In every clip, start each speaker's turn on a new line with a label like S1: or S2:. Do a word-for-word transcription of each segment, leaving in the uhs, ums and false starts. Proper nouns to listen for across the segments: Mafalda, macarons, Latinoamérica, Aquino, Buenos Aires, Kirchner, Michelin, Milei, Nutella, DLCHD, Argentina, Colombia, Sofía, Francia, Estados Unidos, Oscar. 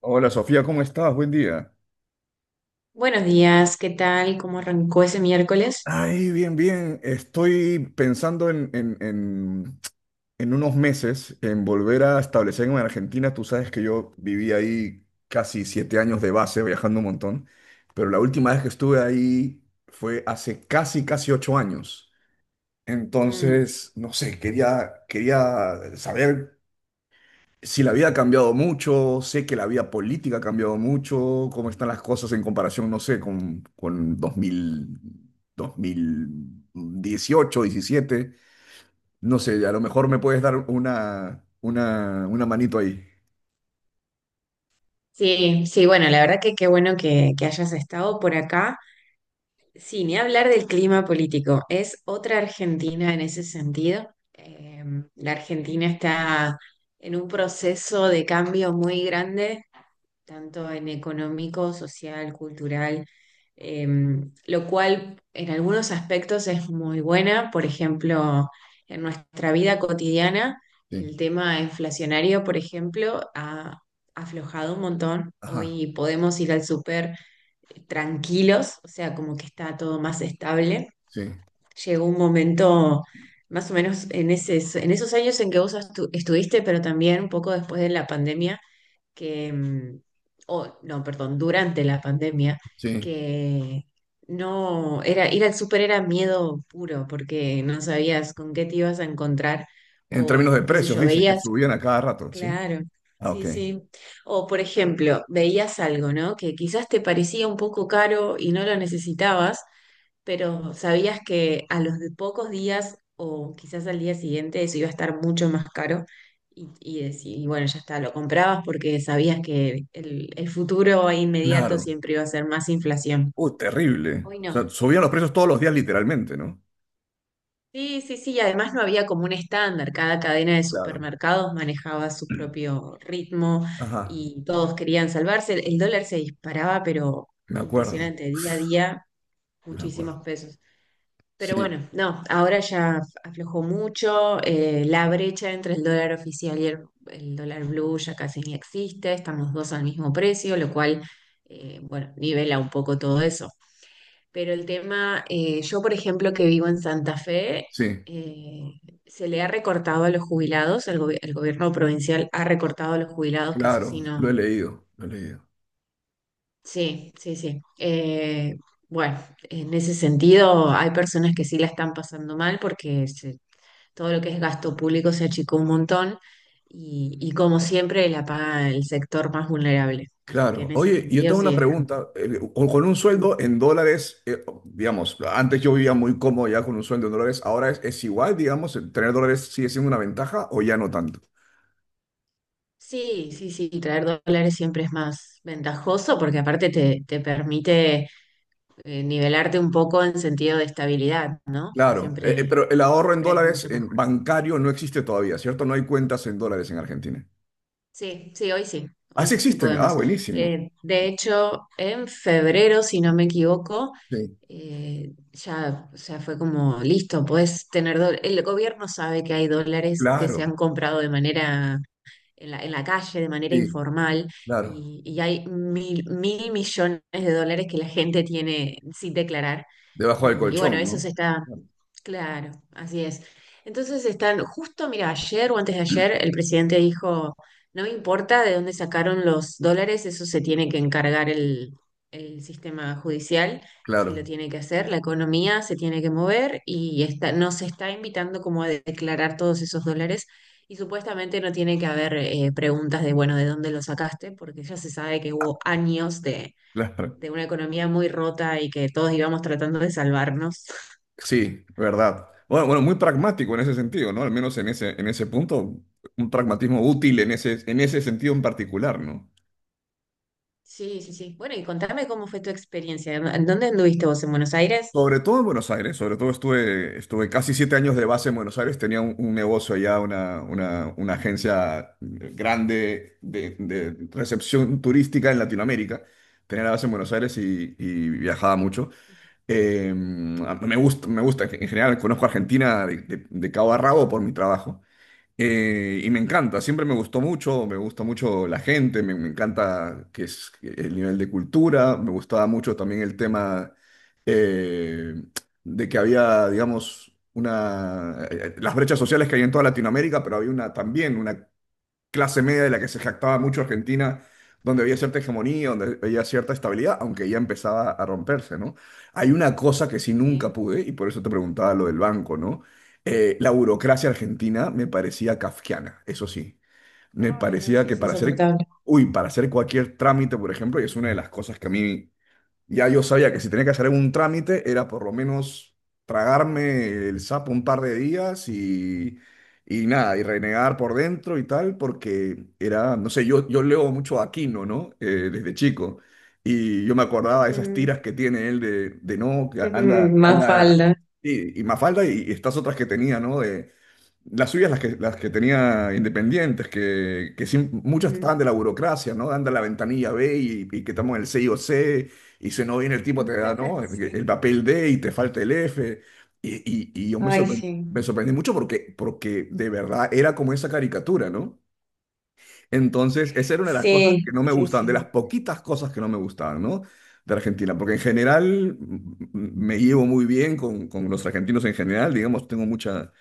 S1: Hola Sofía, ¿cómo estás? Buen día.
S2: Buenos días, ¿qué tal? ¿Cómo arrancó ese miércoles?
S1: Ay, bien, bien. Estoy pensando en, en, en, en unos meses en volver a establecerme en Argentina. Tú sabes que yo viví ahí casi siete años de base, viajando un montón, pero la última vez que estuve ahí fue hace casi, casi ocho años.
S2: Mm,
S1: Entonces, no sé, quería, quería saber si la vida ha cambiado mucho, sé que la vida política ha cambiado mucho, cómo están las cosas en comparación, no sé, con, con dos dos mil dos mil dieciocho diecisiete no sé, a lo mejor me puedes dar una, una, una manito ahí.
S2: sí, sí, bueno, la verdad que qué bueno que, que hayas estado por acá. Sí, ni hablar del clima político, es otra Argentina en ese sentido. Eh, la Argentina está en un proceso de cambio muy grande tanto en económico, social, cultural, eh, lo cual en algunos aspectos es muy buena. Por ejemplo, en nuestra vida cotidiana, el
S1: Sí,
S2: tema inflacionario, por ejemplo, ha aflojado un montón.
S1: ajá,
S2: Hoy podemos ir al súper tranquilos, o sea, como que está todo más estable.
S1: sí,
S2: Llegó un momento. Más o menos en ese, en esos años en que vos estu- estuviste, pero también un poco después de la pandemia, que, mm, o no, perdón, durante la pandemia,
S1: sí.
S2: que no, era, ir al súper era miedo puro, porque no sabías con qué te ibas a encontrar,
S1: En términos de
S2: o qué sé
S1: precios,
S2: yo,
S1: dice que
S2: veías,
S1: subían a cada rato, ¿sí?
S2: claro,
S1: Ah,
S2: sí,
S1: ok.
S2: sí. O por ejemplo, veías algo, ¿no? Que quizás te parecía un poco caro y no lo necesitabas, pero sabías que a los de pocos días o quizás al día siguiente eso iba a estar mucho más caro y, y, decí- y bueno, ya está, lo comprabas porque sabías que el, el futuro inmediato
S1: Claro.
S2: siempre iba a ser más inflación.
S1: Uy, terrible.
S2: Hoy
S1: O
S2: no.
S1: sea, subían los precios todos los días literalmente, ¿no?
S2: Sí, sí, sí, y además no había como un estándar, cada cadena de
S1: Claro.
S2: supermercados manejaba su propio ritmo
S1: Ajá,
S2: y todos querían salvarse. El dólar se disparaba, pero
S1: me acuerdo,
S2: impresionante, día a día,
S1: me acuerdo.
S2: muchísimos pesos. Pero
S1: Sí,
S2: bueno, no, ahora ya af- aflojó mucho, eh, la brecha entre el dólar oficial y el, el dólar blue ya casi ni existe, están los dos al mismo precio, lo cual, eh, bueno, nivela un poco todo eso. Pero el tema, eh, yo por ejemplo que vivo en Santa Fe,
S1: sí,
S2: eh, se le ha recortado a los jubilados, el, gobi- el gobierno provincial ha recortado a los jubilados, que eso
S1: claro,
S2: sí
S1: lo he
S2: no.
S1: leído, lo he leído.
S2: Sí, sí, sí. Eh, bueno, en ese sentido hay personas que sí la están pasando mal porque se todo lo que es gasto público se achicó un montón y, y como siempre la paga el sector más vulnerable. Así que
S1: Claro.
S2: en ese
S1: Oye, yo
S2: sentido
S1: tengo
S2: sí
S1: una
S2: está.
S1: pregunta. eh, Con con un
S2: Ujú.
S1: sueldo en dólares, eh, digamos, antes yo vivía muy cómodo ya con un sueldo en dólares, ahora es, es igual, digamos, el tener dólares sigue siendo una ventaja o ya no tanto.
S2: Sí, sí, sí, traer dólares siempre es más ventajoso porque aparte te, te permite eh, nivelarte un poco en sentido de estabilidad, ¿no? O sea,
S1: Claro, eh, eh,
S2: siempre,
S1: pero el ahorro en
S2: siempre es
S1: dólares
S2: mucho
S1: en
S2: mejor.
S1: bancario no existe todavía, ¿cierto? No hay cuentas en dólares en Argentina.
S2: Sí, sí, hoy sí,
S1: Ah,
S2: hoy
S1: sí
S2: sí
S1: existen. Ah,
S2: podemos.
S1: buenísimo.
S2: Eh, de hecho, en febrero, si no me equivoco,
S1: Sí,
S2: eh, ya, ya fue como listo, puedes tener dólares. El gobierno sabe que hay dólares que se
S1: claro,
S2: han comprado de manera en la, en la calle, de manera
S1: sí,
S2: informal,
S1: claro.
S2: y, y hay mil, mil millones de dólares que la gente tiene sin declarar.
S1: Debajo del
S2: Y, y bueno,
S1: colchón,
S2: eso
S1: ¿no?
S2: se está.
S1: Claro,
S2: Claro, así es. Entonces están, justo, mira, ayer o antes de ayer, el presidente dijo, no me importa de dónde sacaron los dólares, eso se tiene que encargar el, el sistema judicial, sí lo tiene que hacer, la economía se tiene que mover y está, nos está invitando como a declarar todos esos dólares y supuestamente no tiene que haber eh, preguntas de, bueno, ¿de dónde lo sacaste? Porque ya se sabe que hubo años de,
S1: claro, claro.
S2: de una economía muy rota y que todos íbamos tratando de salvarnos.
S1: Sí, verdad. Bueno, bueno, muy pragmático en ese sentido, ¿no? Al menos en ese, en ese punto, un pragmatismo útil en ese, en ese sentido en particular, ¿no?
S2: Sí, sí, sí. Bueno, y contame cómo fue tu experiencia. ¿En dónde anduviste vos? ¿En Buenos Aires?
S1: Sobre todo en Buenos Aires, sobre todo estuve, estuve casi siete años de base en Buenos Aires, tenía un, un negocio allá, una, una, una agencia grande de, de recepción turística en Latinoamérica, tenía la base en Buenos Aires y, y viajaba mucho. Eh, me gusta, me gusta, en general conozco Argentina de, de de cabo a rabo por mi trabajo. Eh, y me encanta, siempre me gustó mucho, me gusta mucho la gente, me, me encanta que es el nivel de cultura, me gustaba mucho también el tema eh, de que había, digamos, una, eh, eh, las brechas sociales que hay en toda Latinoamérica, pero había una, también una clase media de la que se jactaba mucho Argentina, donde había cierta hegemonía, donde había cierta estabilidad, aunque ya empezaba a romperse, ¿no? Hay una cosa que sí nunca
S2: Sí.
S1: pude, y por eso te preguntaba lo del banco, ¿no? Eh, la burocracia argentina me parecía kafkiana, eso sí. Me
S2: Ay, no,
S1: parecía
S2: sí,
S1: que
S2: es
S1: para hacer,
S2: insoportable.
S1: uy, para hacer cualquier trámite, por ejemplo, y es una de las cosas que a mí ya yo sabía que si tenía que hacer algún trámite era por lo menos tragarme el sapo un par de días y, y nada, y renegar por dentro y tal, porque era, no sé, yo, yo leo mucho a Aquino, ¿no? Eh, desde chico. Y yo me acordaba de esas
S2: Ujú.
S1: tiras que tiene él de, de no, que anda,
S2: Más
S1: anda,
S2: falda.
S1: y, y Mafalda y, y estas otras que tenía, ¿no? De, las suyas, las que, las que tenía independientes, que, que sí, muchas
S2: Ujú.
S1: estaban de la burocracia, ¿no? Anda a la ventanilla B y, y que estamos en el C o C, y si no viene el tipo te da, ¿no? El,
S2: Sí.
S1: el papel D y te falta el F. Y, y- y yo me
S2: Ay,
S1: sorpre-
S2: sí.
S1: me sorprendí mucho porque, porque de verdad era como esa caricatura, ¿no? Entonces, esa era una de las cosas
S2: Sí,
S1: que no me
S2: sí,
S1: gustaban, de las
S2: sí.
S1: poquitas cosas que no me gustaban, ¿no? De Argentina, porque en general mm, mm, me llevo muy bien con, con los argentinos en general, digamos, tengo mucha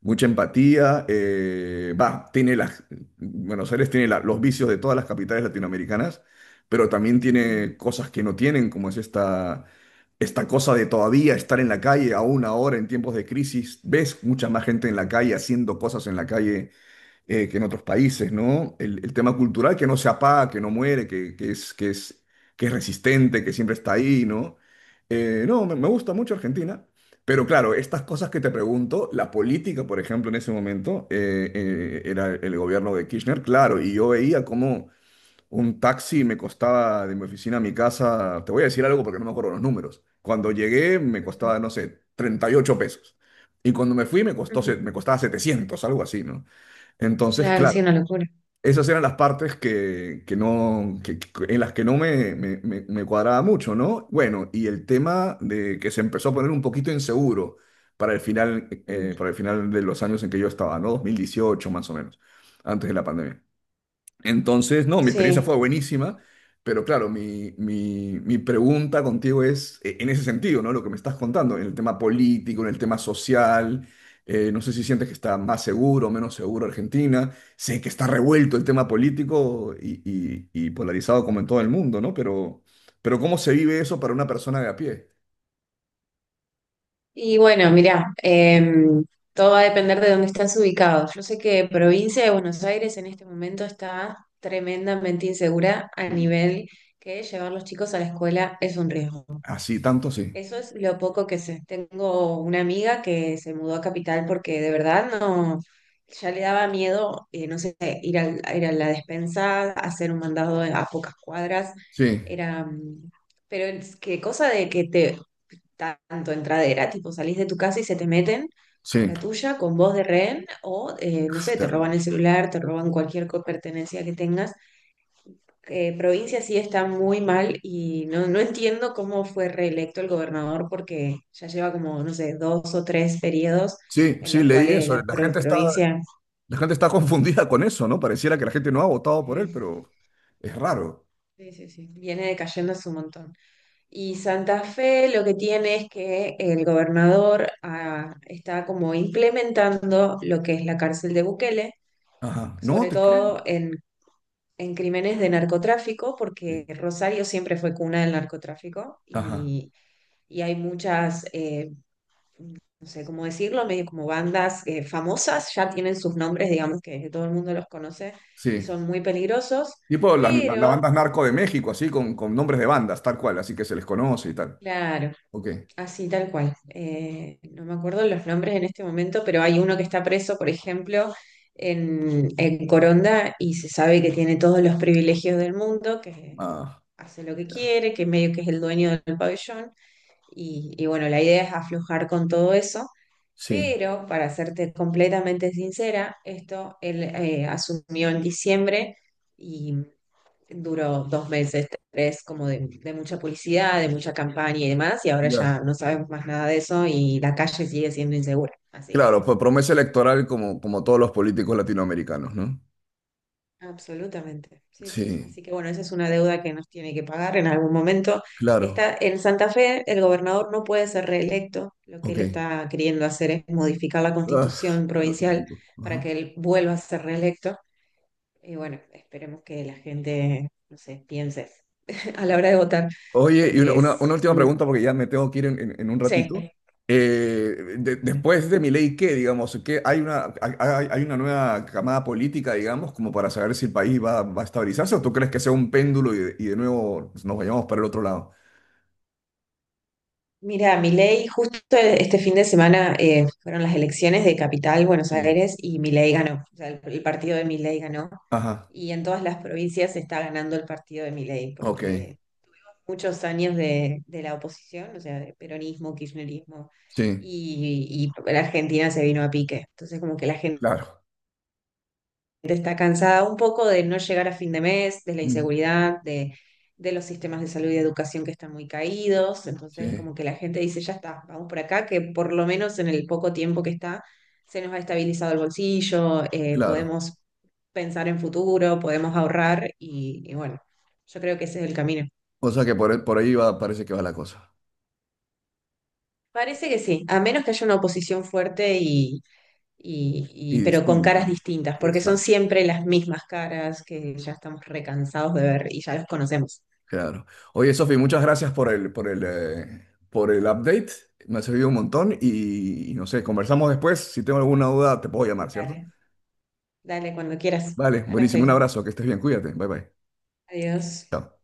S1: mucha empatía. eh, va, tiene las, Buenos Aires tiene la- los vicios de todas las capitales latinoamericanas, pero también
S2: Mm.
S1: tiene cosas que no tienen, como es esta, esta cosa de todavía estar en la calle, aún ahora en tiempos de crisis, ves mucha más gente en la calle haciendo cosas en la calle eh, que en otros países, ¿no? El, el tema cultural que no se apaga, que no muere, que, que es, que es, que es resistente, que siempre está ahí, ¿no? Eh, no, me, me gusta mucho Argentina, pero claro, estas cosas que te pregunto, la política, por ejemplo, en ese momento, eh, eh, era el gobierno de Kirchner, claro, y yo veía cómo un taxi me costaba de mi oficina a mi casa, te voy a decir algo porque no me acuerdo los números, cuando llegué me
S2: Ujú,
S1: costaba, no sé, treinta y ocho pesos. Y cuando me fui me costó,
S2: ujú.
S1: se- me costaba setecientos, algo así, ¿no? Entonces,
S2: Claro,
S1: claro,
S2: sí, una locura.
S1: esas eran las partes que, que no, que- que- en las que no me, me- me- me cuadraba mucho, ¿no? Bueno, y el tema de que se empezó a poner un poquito inseguro para el final,
S2: Mm.
S1: eh, para el final de los años en que yo estaba, ¿no? dos mil dieciocho más o menos, antes de la pandemia. Entonces, no, mi experiencia
S2: Sí.
S1: fue buenísima, pero claro, mi, mi- mi pregunta contigo es eh, en ese sentido, ¿no? Lo que me estás contando, en el tema político, en el tema social, eh, no sé si sientes que está más seguro o menos seguro Argentina, sé que está revuelto el tema político y, y- y polarizado como en todo el mundo, ¿no? Pero, pero ¿cómo se vive eso para una persona de a pie?
S2: Y bueno, mirá, em, todo va a depender de dónde estás ubicado. Yo sé que provincia de Buenos Aires en este momento está tremendamente insegura a
S1: Sí.
S2: nivel que llevar los chicos a la escuela es un riesgo.
S1: Así, tanto sí.
S2: Eso es lo poco que sé. Tengo una amiga que se mudó a Capital porque de verdad no, ya le daba miedo, eh, no sé, ir al- a ir a la despensa, hacer un mandado a pocas cuadras.
S1: Sí,
S2: Era, mm, pero es que cosa de que te tanto entradera, tipo salís de tu casa y se te meten a
S1: sí.
S2: la tuya con voz de rehén o, eh, no sé, te roban
S1: Terrible.
S2: el celular, te roban cualquier co- pertenencia que tengas. Eh, provincia sí está muy mal y no, no entiendo cómo fue reelecto el gobernador porque ya lleva como, no sé, dos o tres periodos
S1: Sí,
S2: en
S1: sí,
S2: los
S1: leí
S2: cuales
S1: eso.
S2: la
S1: La
S2: pro-
S1: gente está.
S2: provincia
S1: La gente está confundida con eso, ¿no? Pareciera que la gente no ha votado por él,
S2: eh,
S1: pero es raro.
S2: sí, sí, sí, viene decayendo hace un montón. Y Santa Fe lo que tiene es que el gobernador ah, está como implementando lo que es la cárcel de Bukele,
S1: Ajá. No,
S2: sobre
S1: te
S2: todo
S1: creen.
S2: en, en, crímenes de narcotráfico,
S1: Sí.
S2: porque Rosario siempre fue cuna del narcotráfico
S1: Ajá.
S2: y, y hay muchas, eh, no sé cómo decirlo, medio como bandas eh, famosas, ya tienen sus nombres, digamos que todo el mundo los conoce y
S1: Sí.
S2: son muy peligrosos,
S1: Tipo las la, las
S2: pero.
S1: bandas narco de México, así, con, con nombres de bandas, tal cual, así que se les conoce y tal.
S2: Claro,
S1: Ok.
S2: así, tal cual. Eh, no me acuerdo los nombres en este momento, pero hay uno que está preso, por ejemplo, en, en Coronda y se sabe que tiene todos los privilegios del mundo, que
S1: Ah,
S2: hace lo que
S1: ya.
S2: quiere, que medio que es el dueño del pabellón. Y, y bueno, la idea es aflojar con todo eso.
S1: Sí.
S2: Pero, para serte completamente sincera, esto él eh, asumió en diciembre y duró dos meses, tres, como de, de mucha publicidad, de mucha campaña y demás, y ahora
S1: Ya.
S2: ya no sabemos más nada de eso y la calle sigue siendo insegura. Así que.
S1: Claro, pues promesa electoral como, como todos los políticos latinoamericanos, ¿no?
S2: Absolutamente. Sí, sí.
S1: Sí,
S2: Así que bueno, esa es una deuda que nos tiene que pagar en algún momento.
S1: claro.
S2: Está en Santa Fe, el gobernador no puede ser reelecto. Lo que él
S1: Ok.
S2: está queriendo hacer es modificar la
S1: Ah,
S2: constitución
S1: lo
S2: provincial
S1: típico.
S2: para
S1: Ajá.
S2: que él vuelva a ser reelecto. Y bueno, esperemos que la gente, no sé, piense a la hora de votar,
S1: Oye, y una,
S2: porque
S1: una-
S2: es.
S1: una última
S2: mm,
S1: pregunta porque ya me tengo que ir en, en- en un
S2: Sí.
S1: ratito. Eh, de- después de Milei, ¿qué, digamos? ¿Qué, hay una, hay, hay- hay una nueva camada política, digamos, como para saber si el país va, va a estabilizarse o tú crees que sea un péndulo y, de y de nuevo nos vayamos para el otro lado?
S2: Mira, Milei, justo este fin de semana eh, fueron las elecciones de Capital, Buenos
S1: Sí.
S2: Aires, y Milei ganó. O sea, el, el partido de Milei ganó.
S1: Ajá,
S2: Y en todas las provincias está ganando el partido de Milei,
S1: ok,
S2: porque muchos años de, de la oposición, o sea, de peronismo, kirchnerismo,
S1: sí,
S2: y, y la Argentina se vino a pique. Entonces, como que la gente
S1: claro.
S2: está cansada un poco de no llegar a fin de mes, de la
S1: Mm,
S2: inseguridad, de, de los sistemas de salud y educación que están muy caídos. Entonces,
S1: sí,
S2: como que la gente dice, ya está, vamos por acá, que por lo menos en el poco tiempo que está, se nos ha estabilizado el bolsillo, eh,
S1: claro.
S2: podemos pensar en futuro, podemos ahorrar y, y bueno, yo creo que ese es el camino.
S1: O sea que por, por ahí va, parece que va la cosa.
S2: Parece que sí, a menos que haya una oposición fuerte y, y, y-
S1: Y
S2: pero con caras
S1: distinta.
S2: distintas, porque son
S1: Exacto.
S2: siempre las mismas caras que ya estamos recansados de ver y ya los conocemos.
S1: Claro. Oye, Sofi, muchas gracias por el, por el, eh, por el update. Me ha servido un montón y, y no sé, conversamos después. Si tengo alguna duda, te puedo llamar, ¿cierto?
S2: Dale, dale, cuando quieras.
S1: Vale,
S2: Acá
S1: buenísimo. Un
S2: estoy.
S1: abrazo, que estés bien, cuídate. Bye bye.
S2: Adiós.
S1: Chao.